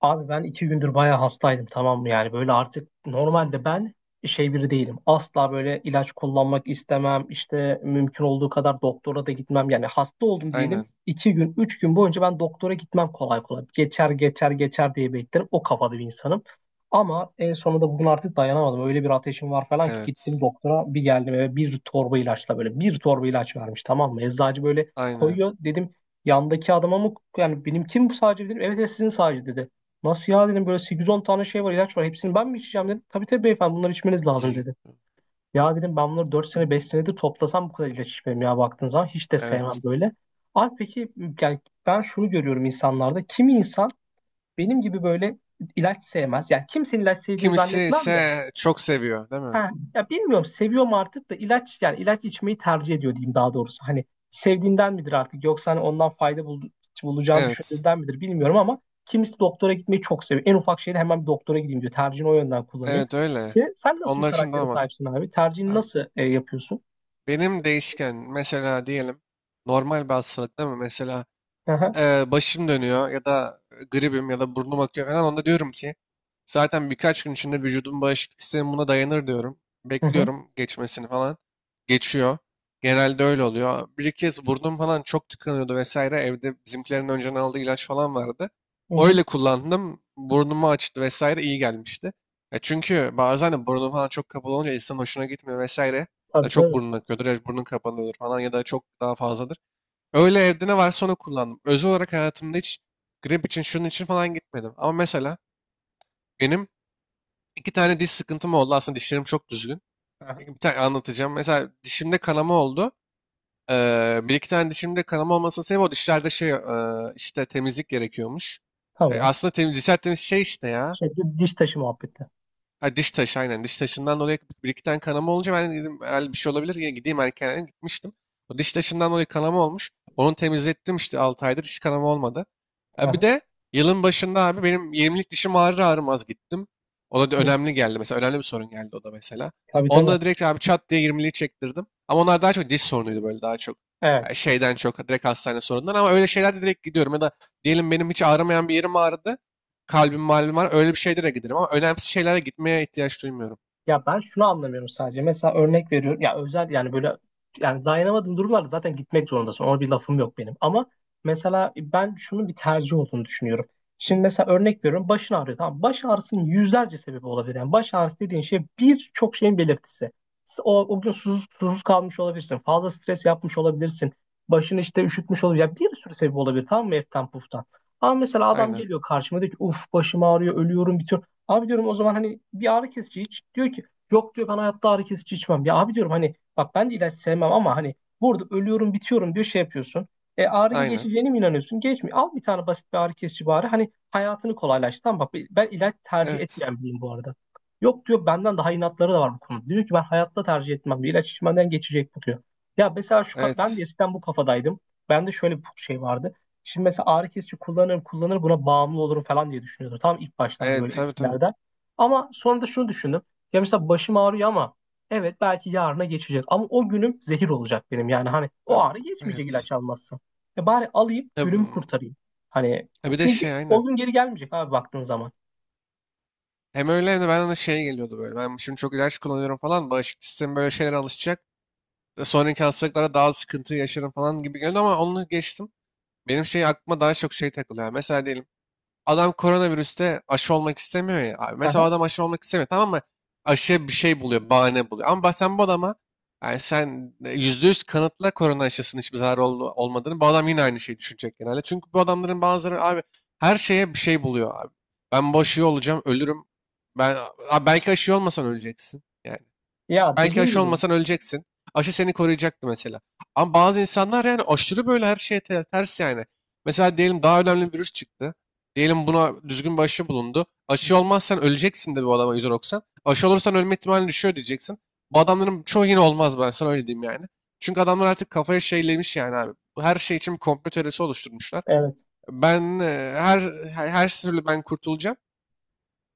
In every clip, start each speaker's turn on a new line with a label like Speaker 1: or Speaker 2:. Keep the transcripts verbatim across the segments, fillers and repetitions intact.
Speaker 1: Abi ben iki gündür bayağı hastaydım, tamam mı? Yani böyle artık normalde ben şey biri değilim. Asla böyle ilaç kullanmak istemem, işte mümkün olduğu kadar doktora da gitmem. Yani hasta oldum diyelim,
Speaker 2: Aynen.
Speaker 1: iki gün üç gün boyunca ben doktora gitmem kolay kolay. Geçer geçer geçer diye beklerim, o kafada bir insanım. Ama en sonunda bugün artık dayanamadım, öyle bir ateşim var falan ki gittim
Speaker 2: Evet.
Speaker 1: doktora, bir geldim eve bir torba ilaçla, böyle bir torba ilaç vermiş, tamam mı? Eczacı böyle
Speaker 2: Aynen.
Speaker 1: koyuyor, dedim yandaki adama mı yani benim, kim bu sadece dedim, evet evet, sizin sadece, dedi. Nasıl ya, dedim, böyle sekiz on tane şey var, ilaç var, hepsini ben mi içeceğim dedim. Tabii tabii beyefendi, bunları içmeniz lazım
Speaker 2: Y-
Speaker 1: dedi. Ya dedim, ben bunları dört sene beş senedir toplasam bu kadar ilaç içmem ya, baktığın zaman hiç de
Speaker 2: Evet.
Speaker 1: sevmem böyle. Abi peki, yani ben şunu görüyorum insanlarda, kimi insan benim gibi böyle ilaç sevmez. Yani kimsenin ilaç sevdiğini
Speaker 2: Kimisi
Speaker 1: zannetmem de.
Speaker 2: ise çok seviyor, değil mi?
Speaker 1: Ha, ya bilmiyorum, seviyorum artık da ilaç, yani ilaç içmeyi tercih ediyor diyeyim daha doğrusu. Hani sevdiğinden midir artık, yoksa hani ondan fayda bul bulacağını
Speaker 2: Evet.
Speaker 1: düşündüğünden midir bilmiyorum, ama kimisi doktora gitmeyi çok seviyor. En ufak şeyde hemen bir doktora gideyim diyor. Tercihini o yönden kullanıyor.
Speaker 2: Evet öyle.
Speaker 1: Sen, sen nasıl bir
Speaker 2: Onlar için
Speaker 1: karaktere
Speaker 2: daha mantıklı.
Speaker 1: sahipsin abi? Tercihini
Speaker 2: Abi,
Speaker 1: nasıl e, yapıyorsun?
Speaker 2: benim değişken mesela diyelim normal bir hastalıkta mı? Mesela
Speaker 1: Aha,
Speaker 2: e, başım dönüyor ya da gribim ya da burnum akıyor falan onda diyorum ki zaten birkaç gün içinde vücudum bağışıklık sistemi buna dayanır diyorum.
Speaker 1: hı hı,
Speaker 2: Bekliyorum geçmesini falan. Geçiyor. Genelde öyle oluyor. Bir iki kez burnum falan çok tıkanıyordu vesaire. Evde bizimkilerin önceden aldığı ilaç falan vardı.
Speaker 1: hı hı.
Speaker 2: Öyle kullandım. Burnumu açtı vesaire iyi gelmişti. Ya çünkü bazen de burnum falan çok kapalı olunca insanın hoşuna gitmiyor vesaire. Ya
Speaker 1: Tabii
Speaker 2: çok
Speaker 1: tabii.
Speaker 2: burnun akıyordur ya burnun kapanıyordur falan ya da çok daha fazla. Öyle evde ne varsa onu kullandım. Özel olarak hayatımda hiç grip için şunun için falan gitmedim. Ama mesela benim iki tane diş sıkıntım oldu. Aslında dişlerim çok düzgün.
Speaker 1: Aha,
Speaker 2: Bir tane anlatacağım. Mesela dişimde kanama oldu. Ee, bir iki tane dişimde kanama olmasının sebebi o dişlerde şey e, işte temizlik gerekiyormuş. E,
Speaker 1: tamam.
Speaker 2: aslında temiz, dişler temiz şey işte ya.
Speaker 1: Şey, di- diş taşı muhabbeti.
Speaker 2: Ha, diş taşı aynen. Diş taşından dolayı bir iki tane kanama olunca ben dedim herhalde bir şey olabilir. Yine gideyim erken gitmiştim. O diş taşından dolayı kanama olmuş. Onu temizlettim işte altı aydır hiç kanama olmadı. Ha, bir
Speaker 1: Aha,
Speaker 2: de yılın başında abi benim yirmilik dişim ağrır ağrımaz gittim. O da
Speaker 1: hı.
Speaker 2: önemli geldi mesela. Önemli bir sorun geldi o da mesela.
Speaker 1: Tabii
Speaker 2: Onda
Speaker 1: tabii.
Speaker 2: da direkt abi çat diye yirmiliği çektirdim. Ama onlar daha çok diş sorunuydu böyle daha çok. Yani
Speaker 1: Evet.
Speaker 2: şeyden çok direkt hastane sorunundan ama öyle şeylerde direkt gidiyorum. Ya da diyelim benim hiç ağrımayan bir yerim ağrıdı, kalbim malum var. Öyle bir şeylere giderim ama önemsiz şeylere gitmeye ihtiyaç duymuyorum.
Speaker 1: Ya ben şunu anlamıyorum sadece. Mesela örnek veriyorum. Ya özel, yani böyle, yani dayanamadığın durumlarda zaten gitmek zorundasın. Ona bir lafım yok benim. Ama mesela ben şunun bir tercih olduğunu düşünüyorum. Şimdi mesela örnek veriyorum. Başın ağrıyor. Tamam. Baş ağrısının yüzlerce sebebi olabilir. Yani baş ağrısı dediğin şey birçok şeyin belirtisi. O, o gün susuz, susuz kalmış olabilirsin. Fazla stres yapmış olabilirsin. Başın işte üşütmüş olabilir. Yani bir sürü sebebi olabilir. Tamam mı? Eften puftan. Ama mesela adam
Speaker 2: Aynen.
Speaker 1: geliyor karşıma, diyor ki uf başım ağrıyor, ölüyorum bitiyor. Abi diyorum o zaman hani bir ağrı kesici iç. Diyor ki yok diyor, ben hayatta ağrı kesici içmem. Ya abi diyorum, hani bak ben de ilaç sevmem, ama hani burada ölüyorum bitiyorum diyor, şey yapıyorsun. E ağrın
Speaker 2: Aynen.
Speaker 1: geçeceğine mi inanıyorsun? Geçmiyor. Al bir tane basit bir ağrı kesici bari. Hani hayatını kolaylaştır. Tamam, bak ben ilaç tercih
Speaker 2: Evet.
Speaker 1: etmeyen biriyim bu arada. Yok diyor, benden daha inatları da var bu konuda. Diyor ki ben hayatta tercih etmem diyor. İlaç içmeden geçecek bu diyor. Ya mesela şu ka- ben de
Speaker 2: Evet.
Speaker 1: eskiden bu kafadaydım. Bende şöyle bir şey vardı. Şimdi mesela ağrı kesici kullanırım kullanırım, buna bağımlı olurum falan diye düşünüyordum. Tam ilk başlarda,
Speaker 2: Evet.
Speaker 1: böyle
Speaker 2: Tabii tabii.
Speaker 1: eskilerde. Ama sonra da şunu düşündüm. Ya mesela başım ağrıyor ama evet belki yarına geçecek. Ama o günüm zehir olacak benim. Yani hani o
Speaker 2: Tab-
Speaker 1: ağrı geçmeyecek
Speaker 2: Evet.
Speaker 1: ilaç almazsam. E bari alayım,
Speaker 2: Ya
Speaker 1: günümü
Speaker 2: bu-
Speaker 1: kurtarayım. Hani
Speaker 2: ya bir de
Speaker 1: çünkü
Speaker 2: şey
Speaker 1: o
Speaker 2: aynen.
Speaker 1: gün geri gelmeyecek abi baktığın zaman.
Speaker 2: Hem öyle hem de bana da şey geliyordu böyle. Ben şimdi çok ilaç kullanıyorum falan. Bağışıklık sistemi böyle şeylere alışacak. Ve sonraki hastalıklara daha sıkıntı yaşarım falan gibi geliyordu ama onu geçtim. Benim şey aklıma daha çok şey takılıyor. Mesela diyelim adam koronavirüste aşı olmak istemiyor ya. Abi, mesela
Speaker 1: Aha.
Speaker 2: o adam aşı olmak istemiyor, tamam mı? Aşıya bir şey buluyor, bahane buluyor. Ama bak sen bu adama yani sen e, yüzde yüz kanıtla korona aşısının hiçbir zararı ol- olmadığını. Bu adam yine aynı şeyi düşünecek genelde. Çünkü bu adamların bazıları abi her şeye bir şey buluyor abi. Ben bu aşıyı olacağım, ölürüm. Ben, Abi belki aşı olmasan öleceksin. Yani
Speaker 1: Ya
Speaker 2: belki
Speaker 1: dediğin
Speaker 2: aşı
Speaker 1: gibi.
Speaker 2: olmasan öleceksin. Aşı seni koruyacaktı mesela. Ama bazı insanlar yani aşırı böyle her şeye ter- ters yani. Mesela diyelim daha önemli bir virüs çıktı. Diyelim buna düzgün bir aşı bulundu.
Speaker 1: Hı hı.
Speaker 2: Aşı olmazsan öleceksin de bu adama yüzde doksan. Aşı olursan ölme ihtimali düşüyor diyeceksin. Bu adamların çoğu yine olmaz ben sana öyle diyeyim yani. Çünkü adamlar artık kafaya şeylemiş yani abi. Bu her şey için bir komplo teorisi oluşturmuşlar.
Speaker 1: Evet.
Speaker 2: Ben e, her her, her türlü ben kurtulacağım.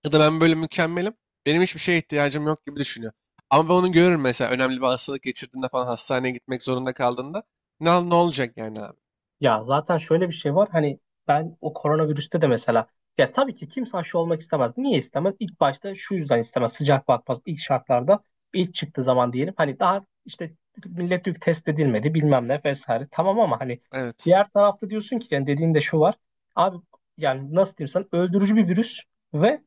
Speaker 2: Ya da ben böyle mükemmelim. Benim hiçbir şeye ihtiyacım yok gibi düşünüyor. Ama ben onu görürüm mesela önemli bir hastalık geçirdiğinde falan hastaneye gitmek zorunda kaldığında. Ne, ne olacak yani abi?
Speaker 1: Ya zaten şöyle bir şey var, hani ben o koronavirüste de mesela, ya tabii ki kimse aşı olmak istemez. Niye istemez? İlk başta şu yüzden istemez. Sıcak bakmaz ilk şartlarda, ilk çıktığı zaman diyelim, hani daha işte millet yük test edilmedi bilmem ne vesaire, tamam, ama hani
Speaker 2: Evet.
Speaker 1: diğer tarafta diyorsun ki, yani dediğin de şu var. Abi, yani nasıl diyeyim sana, öldürücü bir virüs ve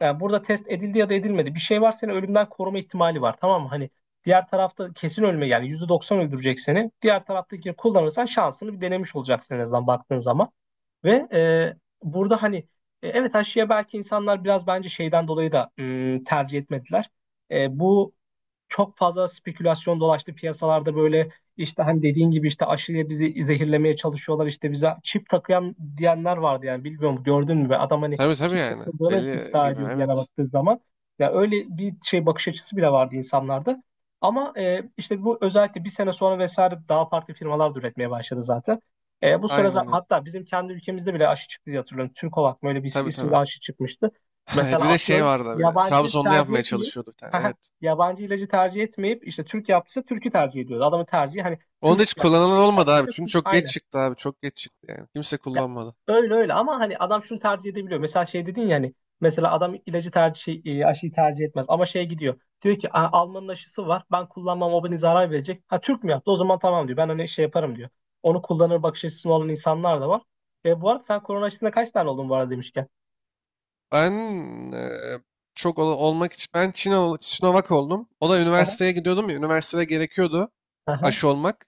Speaker 1: yani burada test edildi ya da edilmedi. Bir şey var, seni ölümden koruma ihtimali var. Tamam mı? Hani diğer tarafta kesin ölme, yani yüzde doksan öldürecek seni. Diğer taraftakini kullanırsan şansını bir denemiş olacaksın en azından, baktığın zaman. Ve e, burada hani e, evet aşıya belki insanlar biraz bence şeyden dolayı da hmm, tercih etmediler. E, bu çok fazla spekülasyon dolaştı piyasalarda, böyle işte hani dediğin gibi, işte aşıya bizi zehirlemeye çalışıyorlar, işte bize çip takıyan diyenler vardı, yani bilmiyorum, gördün mü be adam hani
Speaker 2: Tabii tabii
Speaker 1: çip
Speaker 2: yani.
Speaker 1: takıldığını
Speaker 2: Deli
Speaker 1: iddia
Speaker 2: gibi
Speaker 1: ediyordu, yana
Speaker 2: evet.
Speaker 1: baktığı zaman. Ya öyle bir şey, bakış açısı bile vardı insanlarda. Ama e, işte bu özellikle bir sene sonra vesaire daha farklı firmalar da üretmeye başladı zaten. E, bu süre zar-
Speaker 2: Aynen öyle.
Speaker 1: hatta bizim kendi ülkemizde bile aşı çıktı diye hatırlıyorum. Türkovak mı, öyle bir
Speaker 2: Tabii
Speaker 1: isimli
Speaker 2: tabii.
Speaker 1: aşı çıkmıştı.
Speaker 2: Evet bir
Speaker 1: Mesela
Speaker 2: de şey
Speaker 1: atıyorum
Speaker 2: vardı bir de.
Speaker 1: yabancı
Speaker 2: Trabzonlu
Speaker 1: tercih
Speaker 2: yapmaya
Speaker 1: etmeyip
Speaker 2: çalışıyordu bir tane evet.
Speaker 1: yabancı ilacı tercih etmeyip, işte Türk yaptıysa Türk'ü tercih ediyordu. Adamın tercihi hani
Speaker 2: Onu da
Speaker 1: Türk,
Speaker 2: hiç
Speaker 1: yani
Speaker 2: kullanılan
Speaker 1: benim
Speaker 2: olmadı abi.
Speaker 1: yaptıysa
Speaker 2: Çünkü
Speaker 1: Türk
Speaker 2: çok geç
Speaker 1: aynı.
Speaker 2: çıktı abi. Çok geç çıktı yani. Kimse
Speaker 1: Ya,
Speaker 2: kullanmadı.
Speaker 1: öyle öyle, ama hani adam şunu tercih edebiliyor. Mesela şey dedin ya, hani mesela adam ilacı tercih şey, e, aşıyı tercih etmez, ama şeye gidiyor. Diyor ki "Aa, Alman'ın aşısı var. Ben kullanmam, o beni zarar verecek. Ha, Türk mü yaptı? O zaman tamam diyor. Ben hani şey yaparım diyor." Onu kullanır, bakış açısı olan insanlar da var. E, bu arada sen korona aşısına kaç tane oldun bu arada, demişken.
Speaker 2: Ben eee, çok ol- olmak için ben Çino, Sinovac oldum. O da
Speaker 1: Aha,
Speaker 2: üniversiteye gidiyordum ya. Üniversitede gerekiyordu
Speaker 1: aha,
Speaker 2: aşı olmak.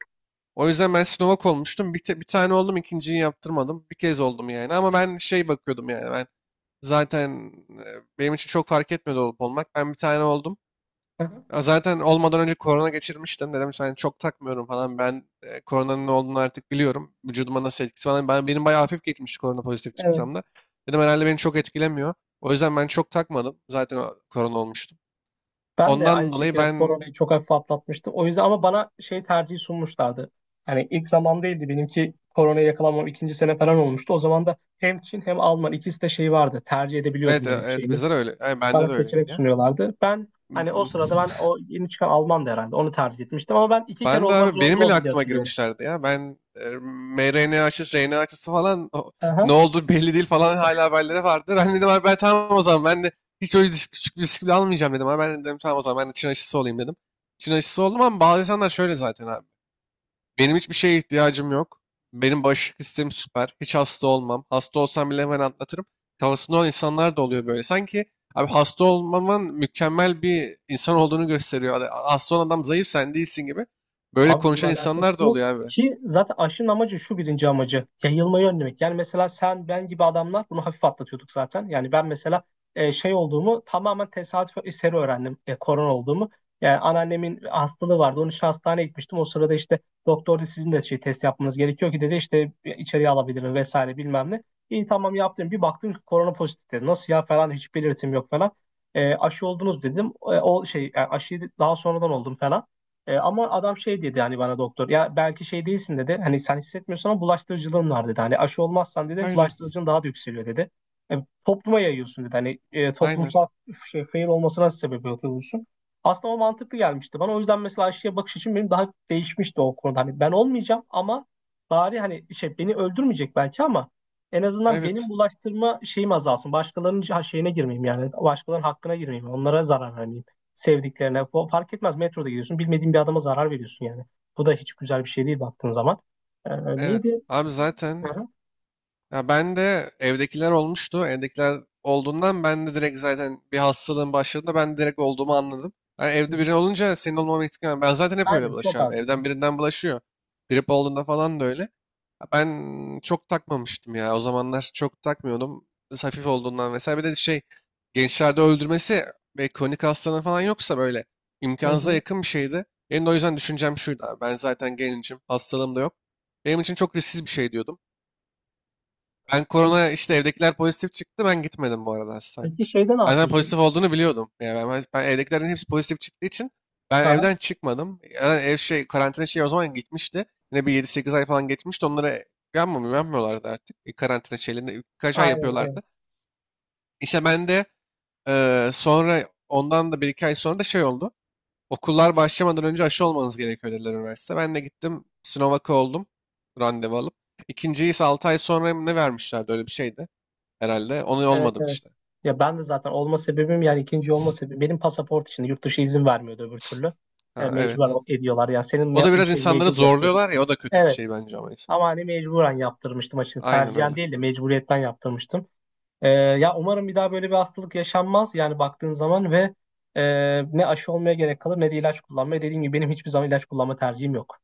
Speaker 2: O yüzden ben Sinovac olmuştum. Bir, te- bir tane oldum, ikinciyi yaptırmadım. Bir kez oldum yani. Ama ben şey bakıyordum yani ben zaten e, benim için çok fark etmedi olup olmak. Ben bir tane oldum.
Speaker 1: aha.
Speaker 2: Ya zaten olmadan önce korona geçirmiştim. Dedim yani çok takmıyorum falan. Ben e, koronanın ne olduğunu artık biliyorum. Vücuduma nasıl etkisi falan. Ben, benim bayağı hafif geçmişti korona pozitif
Speaker 1: Evet.
Speaker 2: çıksam da. Dedim herhalde beni çok etkilemiyor. O yüzden ben çok takmadım. Zaten o- korona olmuştum.
Speaker 1: Ben de aynı
Speaker 2: Ondan dolayı
Speaker 1: şekilde
Speaker 2: ben
Speaker 1: koronayı çok hafif atlatmıştım. O yüzden, ama bana şey tercihi sunmuşlardı. Yani ilk zamandaydı benimki, koronaya yakalanmam ikinci sene falan olmuştu. O zaman da hem Çin hem Alman ikisi de şey vardı. Tercih
Speaker 2: evet
Speaker 1: edebiliyordum
Speaker 2: e-
Speaker 1: benim
Speaker 2: evet
Speaker 1: şeyimi.
Speaker 2: bizler öyle. Yani
Speaker 1: Bana
Speaker 2: bende de
Speaker 1: seçenek
Speaker 2: öyleydi
Speaker 1: sunuyorlardı. Ben
Speaker 2: ya.
Speaker 1: hani o sırada ben o yeni çıkan Alman'dı herhalde. Onu tercih etmiştim ama ben iki kere
Speaker 2: Ben de
Speaker 1: olmak
Speaker 2: abi
Speaker 1: zorunda
Speaker 2: benim bile
Speaker 1: oldum diye
Speaker 2: aklıma
Speaker 1: hatırlıyorum.
Speaker 2: girmişlerdi ya. Ben e, m R N A aşısı, R N A aşısı falan o- ne oldu belli değil falan hala haberleri vardı. Ben dedim abi ben tamam o zaman ben de hiç öyle risk, küçük bir risk bile almayacağım dedim. Abi ben dedim tamam o zaman ben de Çin aşısı olayım dedim. Çin aşısı oldum ama bazı insanlar şöyle zaten abi. Benim hiçbir şeye ihtiyacım yok. Benim bağışıklık sistemim süper. Hiç hasta olmam. Hasta olsam bile hemen atlatırım. Kafasında olan insanlar da oluyor böyle. Sanki abi hasta olmaman mükemmel bir insan olduğunu gösteriyor. Hani hasta olan adam zayıf sen değilsin gibi. Böyle
Speaker 1: Abi bununla
Speaker 2: konuşan
Speaker 1: alakası
Speaker 2: insanlar da
Speaker 1: yok.
Speaker 2: oluyor abi.
Speaker 1: Ki zaten aşının amacı şu, birinci amacı, yayılmayı önlemek. Yani mesela sen ben gibi adamlar bunu hafif atlatıyorduk zaten. Yani ben mesela e, şey olduğumu tamamen tesadüf eseri öğrendim. E, korona olduğumu. Yani anneannemin hastalığı vardı. Onun için hastaneye gitmiştim. O sırada işte doktor dedi, sizin de şey test yapmanız gerekiyor ki dedi, işte e, içeriye alabilirim vesaire bilmem ne. İyi tamam, yaptım. Bir baktım ki korona pozitif dedi. Nasıl ya falan, hiç belirtim yok falan. E, aşı oldunuz dedim. E, o şey yani aşıyı daha sonradan oldum falan. E, ama adam şey dedi, hani bana doktor ya belki şey değilsin dedi. Hani sen hissetmiyorsun ama bulaştırıcılığın var dedi. Hani aşı olmazsan dedi
Speaker 2: Aynen.
Speaker 1: bulaştırıcılığın daha da yükseliyor dedi. E, topluma yayıyorsun dedi. Hani e,
Speaker 2: Aynen.
Speaker 1: toplumsal şey, fail olmasına sebep oluyorsun. Aslında o mantıklı gelmişti bana. O yüzden mesela aşıya bakış için benim daha değişmişti o konuda. Hani ben olmayacağım ama bari hani şey beni öldürmeyecek belki, ama en azından benim
Speaker 2: Evet.
Speaker 1: bulaştırma şeyim azalsın. Başkalarının şey, şeyine girmeyeyim yani. Başkalarının hakkına girmeyeyim. Onlara zarar vermeyeyim, sevdiklerine. O fark etmez, metroda gidiyorsun, bilmediğin bir adama zarar veriyorsun yani. Bu da hiç güzel bir şey değil, baktığın zaman. Ee,
Speaker 2: Evet.
Speaker 1: neydi?
Speaker 2: Abi
Speaker 1: Hı
Speaker 2: zaten.
Speaker 1: hı.
Speaker 2: Ya ben de evdekiler olmuştu. Evdekiler olduğundan ben de direkt zaten bir hastalığın başladığında ben direkt olduğumu anladım. Yani
Speaker 1: Hı hı.
Speaker 2: evde biri olunca senin olmama ihtimali. Ben zaten hep öyle
Speaker 1: Aynen, çok
Speaker 2: bulaşıyorum, abi.
Speaker 1: az yani.
Speaker 2: Evden birinden bulaşıyor. Grip olduğunda falan da öyle. Ya ben çok takmamıştım ya. O zamanlar çok takmıyordum. Biraz hafif olduğundan vesaire. Bir de şey gençlerde öldürmesi ve kronik hastalığı falan yoksa böyle
Speaker 1: Hı
Speaker 2: imkansıza
Speaker 1: hı.
Speaker 2: yakın bir şeydi. Benim de o yüzden düşüncem şuydu abi. Ben zaten gencim. Hastalığım da yok. Benim için çok risksiz bir şey diyordum. Ben
Speaker 1: E,
Speaker 2: korona işte evdekiler pozitif çıktı. Ben gitmedim bu arada hastaneye.
Speaker 1: peki şeyde ne
Speaker 2: Ben zaten
Speaker 1: yapıyorsun?
Speaker 2: pozitif olduğunu biliyordum. Yani ben, ben evdekilerin hepsi pozitif çıktığı için ben
Speaker 1: Aha,
Speaker 2: evden çıkmadım. Yani ev şey karantina şey o zaman gitmişti. Yine bir yedi sekiz ay falan geçmişti. Onlara yapmamıyor, yapmıyorlardı artık. E, karantina şeylerini birkaç ay
Speaker 1: aynen aynen.
Speaker 2: yapıyorlardı. İşte ben de e, sonra ondan da bir iki ay sonra da şey oldu. Okullar başlamadan önce aşı olmanız gerekiyor dediler üniversite. Ben de gittim Sinovac'a oldum randevu alıp. İkinciyi ise altı ay sonra mı ne vermişlerdi öyle bir şeydi herhalde. Onu
Speaker 1: Evet
Speaker 2: olmadım
Speaker 1: evet, evet.
Speaker 2: işte.
Speaker 1: Ya ben de zaten olma sebebim, yani ikinci olma sebebim benim pasaport için, yurt dışı izin vermiyordu öbür türlü. E,
Speaker 2: Ha, evet.
Speaker 1: mecburen ediyorlar yani, senin
Speaker 2: O
Speaker 1: me
Speaker 2: da biraz
Speaker 1: şey
Speaker 2: insanları
Speaker 1: mecbur bırakıyordu.
Speaker 2: zorluyorlar ya o da kötü bir şey
Speaker 1: Evet.
Speaker 2: bence ama.
Speaker 1: Ama hani mecburen yaptırmıştım açıkçası.
Speaker 2: Aynen
Speaker 1: Tercihen
Speaker 2: öyle.
Speaker 1: değil de mecburiyetten yaptırmıştım. Ee, ya umarım bir daha böyle bir hastalık yaşanmaz, yani baktığın zaman, ve e, ne aşı olmaya gerek kalır ne de ilaç kullanmaya. Dediğim gibi benim hiçbir zaman ilaç kullanma tercihim yok.